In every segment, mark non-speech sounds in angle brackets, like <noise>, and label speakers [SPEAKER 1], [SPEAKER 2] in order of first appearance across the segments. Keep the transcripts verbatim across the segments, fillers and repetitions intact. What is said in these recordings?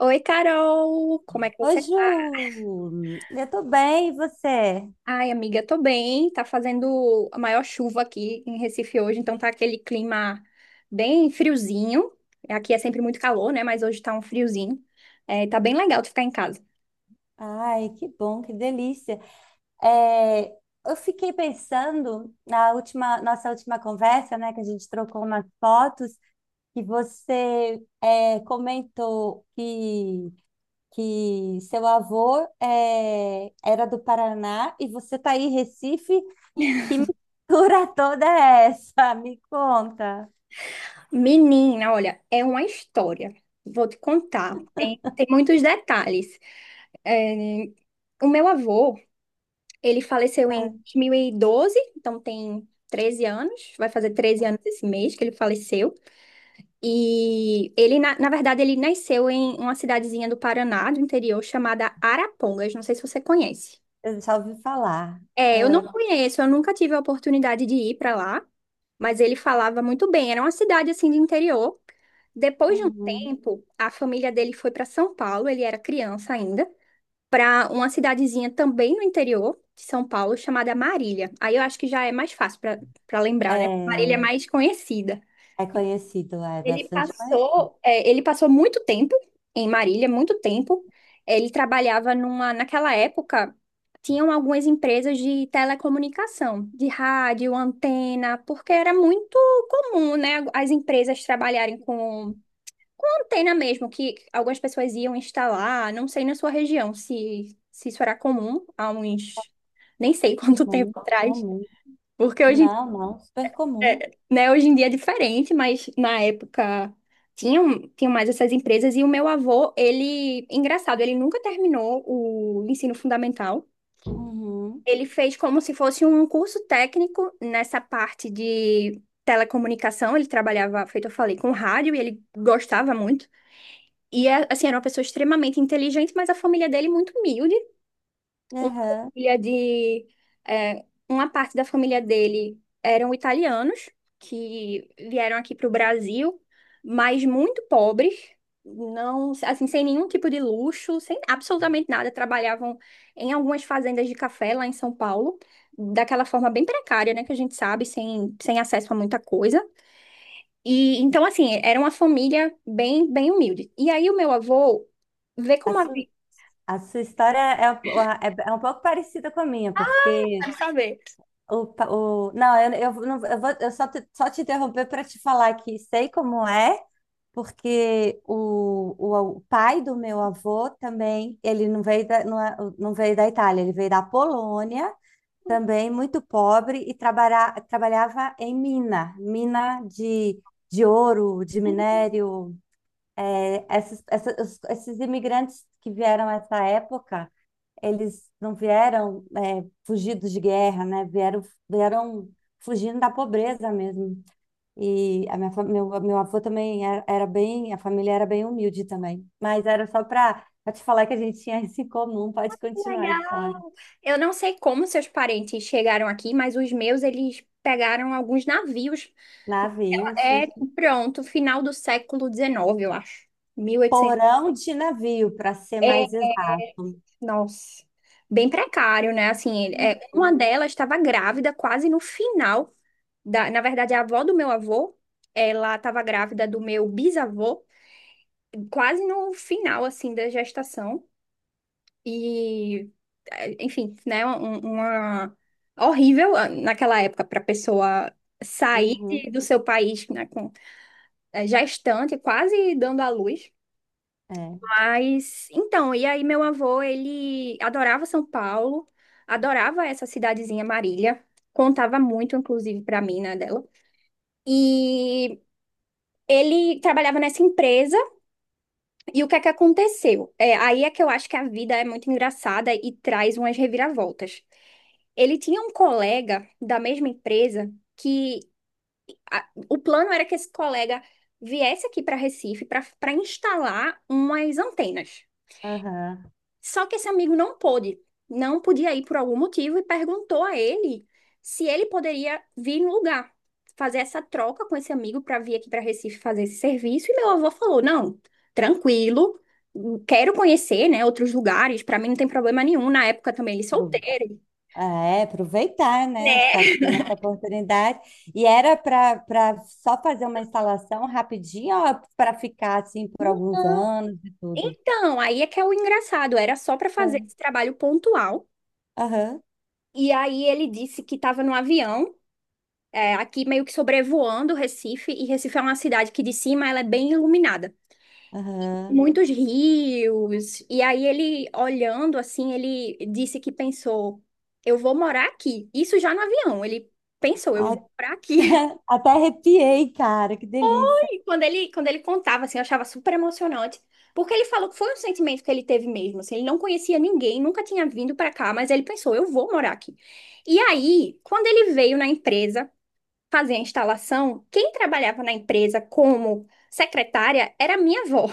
[SPEAKER 1] Oi, Carol! Como é que
[SPEAKER 2] Oi,
[SPEAKER 1] você tá?
[SPEAKER 2] Ju! Eu tô bem, e você?
[SPEAKER 1] Ai, amiga, tô bem. Tá fazendo a maior chuva aqui em Recife hoje, então tá aquele clima bem friozinho. Aqui é sempre muito calor, né? Mas hoje tá um friozinho. É, tá bem legal de ficar em casa.
[SPEAKER 2] Ai, que bom, que delícia. É, eu fiquei pensando na última, nossa última conversa, né, que a gente trocou umas fotos, que você é, comentou que, que seu avô é, era do Paraná e você tá aí em Recife. Que mistura <laughs> toda é essa? Me conta.
[SPEAKER 1] Menina, olha, é uma história. Vou te contar. Tem, tem muitos detalhes. É, o meu avô, ele faleceu em
[SPEAKER 2] É,
[SPEAKER 1] dois mil e doze, então tem treze anos. Vai fazer treze anos esse mês que ele faleceu. E ele, na, na verdade, ele nasceu em uma cidadezinha do Paraná, do interior, chamada Arapongas. Não sei se você conhece.
[SPEAKER 2] eu já ouvi falar.
[SPEAKER 1] É, eu não
[SPEAKER 2] É,
[SPEAKER 1] conheço, eu nunca tive a oportunidade de ir para lá, mas ele falava muito bem. Era uma cidade assim de interior. Depois de um
[SPEAKER 2] uhum.
[SPEAKER 1] tempo, a família dele foi para São Paulo, ele era criança ainda, para uma cidadezinha também no interior de São Paulo chamada Marília. Aí eu acho que já é mais fácil para para lembrar, né? Marília é
[SPEAKER 2] É.
[SPEAKER 1] mais conhecida.
[SPEAKER 2] É conhecido, é
[SPEAKER 1] Ele
[SPEAKER 2] bastante conhecido.
[SPEAKER 1] passou, é, ele passou muito tempo em Marília, muito tempo. Ele trabalhava numa, naquela época, tinham algumas empresas de telecomunicação, de rádio, antena, porque era muito comum, né, as empresas trabalharem com, com antena mesmo, que algumas pessoas iam instalar, não sei na sua região se, se isso era comum há uns, nem sei <laughs> quanto
[SPEAKER 2] Muito
[SPEAKER 1] tempo atrás,
[SPEAKER 2] comum.
[SPEAKER 1] porque hoje
[SPEAKER 2] Não, não, super comum.
[SPEAKER 1] é, né, hoje em dia é diferente, mas na época tinham, tinham mais essas empresas. E o meu avô, ele, engraçado, ele nunca terminou o ensino fundamental.
[SPEAKER 2] Uhum,
[SPEAKER 1] Ele fez como se fosse um curso técnico nessa parte de telecomunicação. Ele trabalhava, feito eu falei, com rádio e ele gostava muito. E, é, assim, era uma pessoa extremamente inteligente, mas a família dele muito humilde uma
[SPEAKER 2] aham.
[SPEAKER 1] família de é, uma parte da família dele eram italianos que vieram aqui para o Brasil, mas muito pobres, não assim sem nenhum tipo de luxo, sem absolutamente nada, trabalhavam em algumas fazendas de café lá em São Paulo, daquela forma bem precária, né, que a gente sabe, sem, sem acesso a muita coisa. E então assim, era uma família bem bem humilde. E aí o meu avô vê
[SPEAKER 2] A
[SPEAKER 1] como a
[SPEAKER 2] su-
[SPEAKER 1] vida,
[SPEAKER 2] a sua história é, um- é, é um pouco parecida com a minha, porque
[SPEAKER 1] sabe?
[SPEAKER 2] o, pa- o, não, eu, eu, não- eu vou eu só te, só te interromper para te falar que sei como é, porque o, o, o pai do meu avô também, ele não veio da, não, é- não veio da Itália, ele veio da Polônia. Também muito pobre e trabalha, trabalhava em mina, mina de, de ouro, de minério. É, esses, essa- os- esses imigrantes que vieram nessa época, eles não vieram é, fugidos de guerra, né? Vieram, vieram fugindo da pobreza mesmo. E a minha, fa- meu, meu avô também era, era bem, a família era bem humilde também. Mas era só para te falar que a gente tinha isso em comum. Pode
[SPEAKER 1] Que
[SPEAKER 2] continuar a história.
[SPEAKER 1] legal! Eu não sei como seus parentes chegaram aqui, mas os meus, eles pegaram alguns navios.
[SPEAKER 2] Navios,
[SPEAKER 1] É,
[SPEAKER 2] isso.
[SPEAKER 1] pronto, final do século dezenove, eu acho. Mil e oitocentos.
[SPEAKER 2] Porão de navio, para ser
[SPEAKER 1] É,
[SPEAKER 2] mais exato.
[SPEAKER 1] nossa. Bem precário, né? Assim, ele- é, uma
[SPEAKER 2] Uhum,
[SPEAKER 1] delas estava grávida quase no final da, na verdade, a avó do meu avô, ela estava grávida do meu bisavô, quase no final, assim, da gestação. E, eh, enfim, né, um- uma horrível, ah, naquela época para a pessoa sair de-
[SPEAKER 2] uhum,
[SPEAKER 1] do seu país, né, com eh, já estante, quase dando à luz.
[SPEAKER 2] é,
[SPEAKER 1] Mas então, e aí meu avô, ele adorava São Paulo, adorava essa cidadezinha Marília, contava muito inclusive para mim, né, dela. E ele trabalhava nessa empresa. E o que é que aconteceu? É, aí é que eu acho que a vida é muito engraçada e traz umas reviravoltas. Ele tinha um colega da mesma empresa que a- o plano era que esse colega viesse aqui para Recife para para instalar umas antenas.
[SPEAKER 2] aham.
[SPEAKER 1] Só que esse amigo não pôde, não podia ir por algum motivo e perguntou a ele se ele poderia vir no lugar, fazer essa troca com esse amigo para vir aqui para Recife fazer esse serviço. E meu avô falou: não, tranquilo, quero conhecer, né, outros lugares, para mim não tem problema nenhum. Na época também ele
[SPEAKER 2] Pro-
[SPEAKER 1] solteiro,
[SPEAKER 2] É, aproveitar, né? Já que
[SPEAKER 1] né?
[SPEAKER 2] tem essa oportunidade. E era para para só fazer uma instalação rapidinha ou para ficar assim por alguns anos e tudo?
[SPEAKER 1] Então, aí é que é o engraçado, era só para fazer
[SPEAKER 2] É.
[SPEAKER 1] esse trabalho pontual.
[SPEAKER 2] Aham,
[SPEAKER 1] E aí ele disse que estava no avião. É, aqui meio que sobrevoando Recife, e Recife é uma cidade que de cima ela é bem iluminada.
[SPEAKER 2] aham.
[SPEAKER 1] Muitos rios. E aí ele olhando assim, ele disse que pensou, eu vou morar aqui. Isso já no avião, ele pensou, eu vou
[SPEAKER 2] Até,
[SPEAKER 1] morar aqui. <laughs>
[SPEAKER 2] <laughs> até arrepiei, cara, que delícia.
[SPEAKER 1] E quando ele quando ele contava assim, eu achava super emocionante, porque ele falou que foi um sentimento que ele teve mesmo, assim, ele não conhecia ninguém, nunca tinha vindo para cá, mas ele pensou, eu vou morar aqui. E aí, quando ele veio na empresa fazer a instalação, quem trabalhava na empresa como secretária era a minha avó.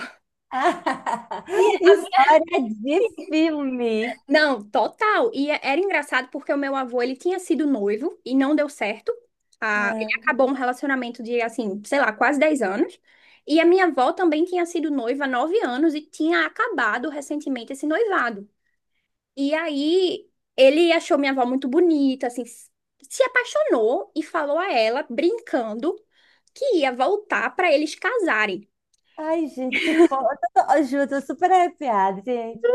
[SPEAKER 1] E
[SPEAKER 2] <laughs>
[SPEAKER 1] a minha-
[SPEAKER 2] História de filme.
[SPEAKER 1] Não, total. E é- era engraçado porque o meu avô, ele tinha sido noivo e não deu certo. Ah, ele
[SPEAKER 2] É.
[SPEAKER 1] acabou um relacionamento de, assim, sei lá, quase dez anos. E a minha avó também tinha sido noiva há nove anos e tinha acabado recentemente esse noivado. E aí ele achou minha avó muito bonita, assim, s- se apaixonou e falou a ela, brincando, que ia voltar para eles casarem.
[SPEAKER 2] Ai, gente, que fofo. Ai, Ju, eu tô super arrepiada, gente.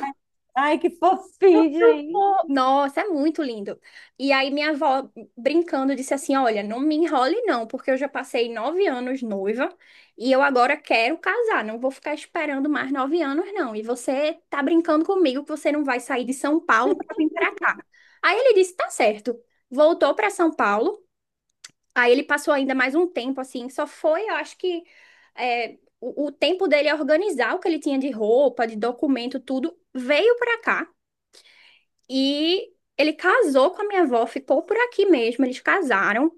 [SPEAKER 2] Ai, ai, que fofinho, hein?
[SPEAKER 1] Nossa, é muito lindo. E aí minha avó brincando disse assim, olha, não me enrole não, porque eu já passei nove anos noiva e eu agora quero casar, não vou ficar esperando mais nove anos não. E você tá brincando comigo que você não vai sair de São Paulo para vir para cá. Aí ele disse, tá certo. Voltou para São Paulo. Aí ele passou ainda mais um tempo assim, só foi, eu acho que é, o, o tempo dele organizar o que ele tinha de roupa, de documento, tudo, veio para cá. E ele casou com a minha avó, ficou por aqui mesmo. Eles casaram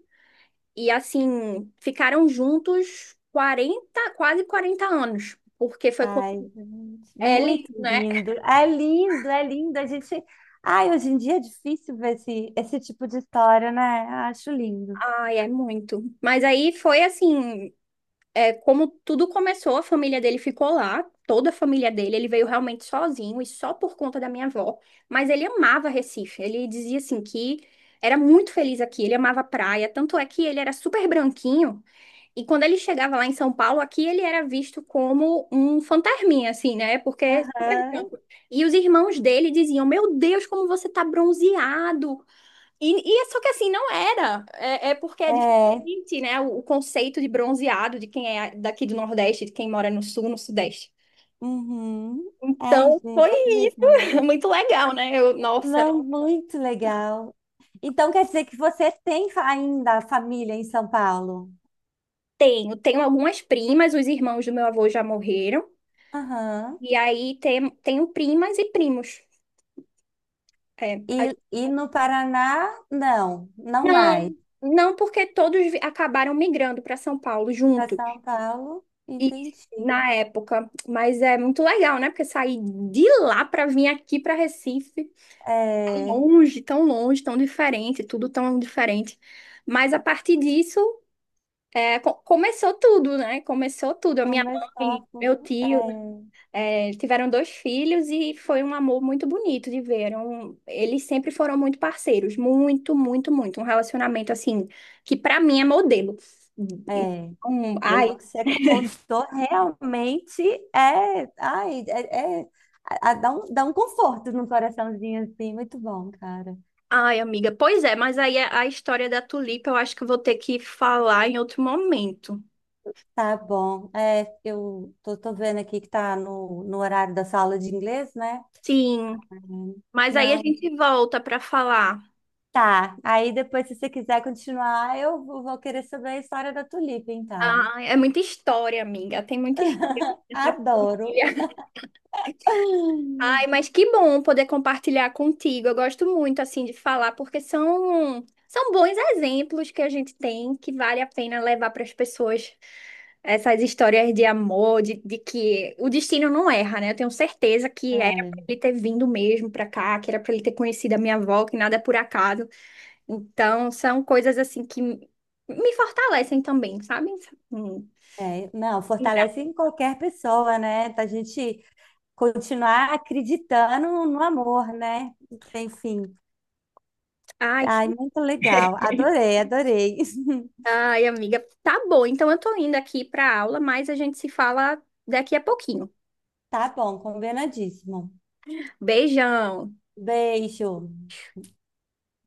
[SPEAKER 1] e, assim, ficaram juntos quarenta quase quarenta anos, porque foi com
[SPEAKER 2] Ai, gente,
[SPEAKER 1] ele,
[SPEAKER 2] muito
[SPEAKER 1] né?
[SPEAKER 2] lindo. É lindo, é lindo. A gente. Ai, hoje em dia é difícil ver esse, esse tipo de história, né? Acho lindo.
[SPEAKER 1] Ai, é muito. Mas aí foi assim, é, como tudo começou, a família dele ficou lá, toda a família dele. Ele veio realmente sozinho e só por conta da minha avó. Mas ele amava Recife. Ele dizia assim que era muito feliz aqui. Ele amava a praia. Tanto é que ele era super branquinho. E quando ele chegava lá em São Paulo, aqui ele era visto como um fantasminha, assim, né? Porque é super
[SPEAKER 2] Aham.
[SPEAKER 1] branco. E os irmãos dele diziam: Meu Deus, como você tá bronzeado! E, e é só que assim, não era. É, é porque é
[SPEAKER 2] É.
[SPEAKER 1] diferente, né? O, o conceito de bronzeado de quem é daqui do Nordeste, de quem mora no Sul, no Sudeste.
[SPEAKER 2] Uhum. Ai,
[SPEAKER 1] Então,
[SPEAKER 2] gente,
[SPEAKER 1] foi
[SPEAKER 2] que
[SPEAKER 1] isso.
[SPEAKER 2] legal.
[SPEAKER 1] <laughs> Muito legal, né? Eu, nossa,
[SPEAKER 2] Não, muito legal. Então quer dizer que você tem fa- ainda família em São Paulo?
[SPEAKER 1] tenho. Tenho algumas primas, os irmãos do meu avô já morreram.
[SPEAKER 2] Aham.
[SPEAKER 1] E aí tem, tenho primas e primos. É.
[SPEAKER 2] E, e no Paraná, não, não
[SPEAKER 1] Não,
[SPEAKER 2] mais.
[SPEAKER 1] não porque todos vi- acabaram migrando para São Paulo
[SPEAKER 2] Para
[SPEAKER 1] junto
[SPEAKER 2] São Paulo,
[SPEAKER 1] e
[SPEAKER 2] entendi.
[SPEAKER 1] na época, mas é muito legal, né? Porque sair de lá para vir aqui para Recife,
[SPEAKER 2] É,
[SPEAKER 1] longe, tão longe, tão diferente, tudo tão diferente. Mas a partir disso, é, co- começou tudo, né? Começou tudo. A minha
[SPEAKER 2] começou a...
[SPEAKER 1] mãe,
[SPEAKER 2] fu-
[SPEAKER 1] meu tio É, tiveram dois filhos e foi um amor muito bonito de ver. Era um- Eles sempre foram muito parceiros, muito, muito, muito. Um relacionamento assim que pra mim é modelo.
[SPEAKER 2] É, é.
[SPEAKER 1] Então, ai,
[SPEAKER 2] Pelo que você contou, realmente é, ai, é, é- a- a- dá um, dá um conforto no coraçãozinho assim, muito bom, cara.
[SPEAKER 1] ai, amiga. Pois é, mas aí a a história da Tulipa eu acho que eu vou ter que falar em outro momento.
[SPEAKER 2] Tá bom. É, eu tô, tô vendo aqui que tá no, no horário da sala de inglês, né?
[SPEAKER 1] Sim, mas aí a
[SPEAKER 2] Não.
[SPEAKER 1] gente volta pra falar.
[SPEAKER 2] Tá, aí depois, se você quiser continuar, eu vou vou querer saber a história da tulipa, então.
[SPEAKER 1] Ah, é muita história, amiga. Tem muita história
[SPEAKER 2] <laughs>
[SPEAKER 1] nessa
[SPEAKER 2] Adoro.
[SPEAKER 1] família. Ai, mas que bom poder compartilhar contigo. Eu gosto muito assim de falar porque são são bons exemplos que a gente tem que vale a pena levar para as pessoas essas histórias de amor, de, de que o destino não erra, né? Eu tenho certeza que era para
[SPEAKER 2] Ai,
[SPEAKER 1] ele ter vindo mesmo para cá, que era para ele ter conhecido a minha avó, que nada é por acaso. Então, são coisas assim que me fortalecem também, sabe? Hum.
[SPEAKER 2] é, não, fortalece em qualquer pessoa, né? A gente continuar acreditando no amor, né? Enfim.
[SPEAKER 1] Ai,
[SPEAKER 2] Ai, muito legal. Adorei, adorei. <laughs>
[SPEAKER 1] Ai, amiga, tá bom. Então eu tô indo aqui pra aula, mas a gente se fala daqui a pouquinho.
[SPEAKER 2] Tá bom, combinadíssimo.
[SPEAKER 1] Beijão.
[SPEAKER 2] Beijo.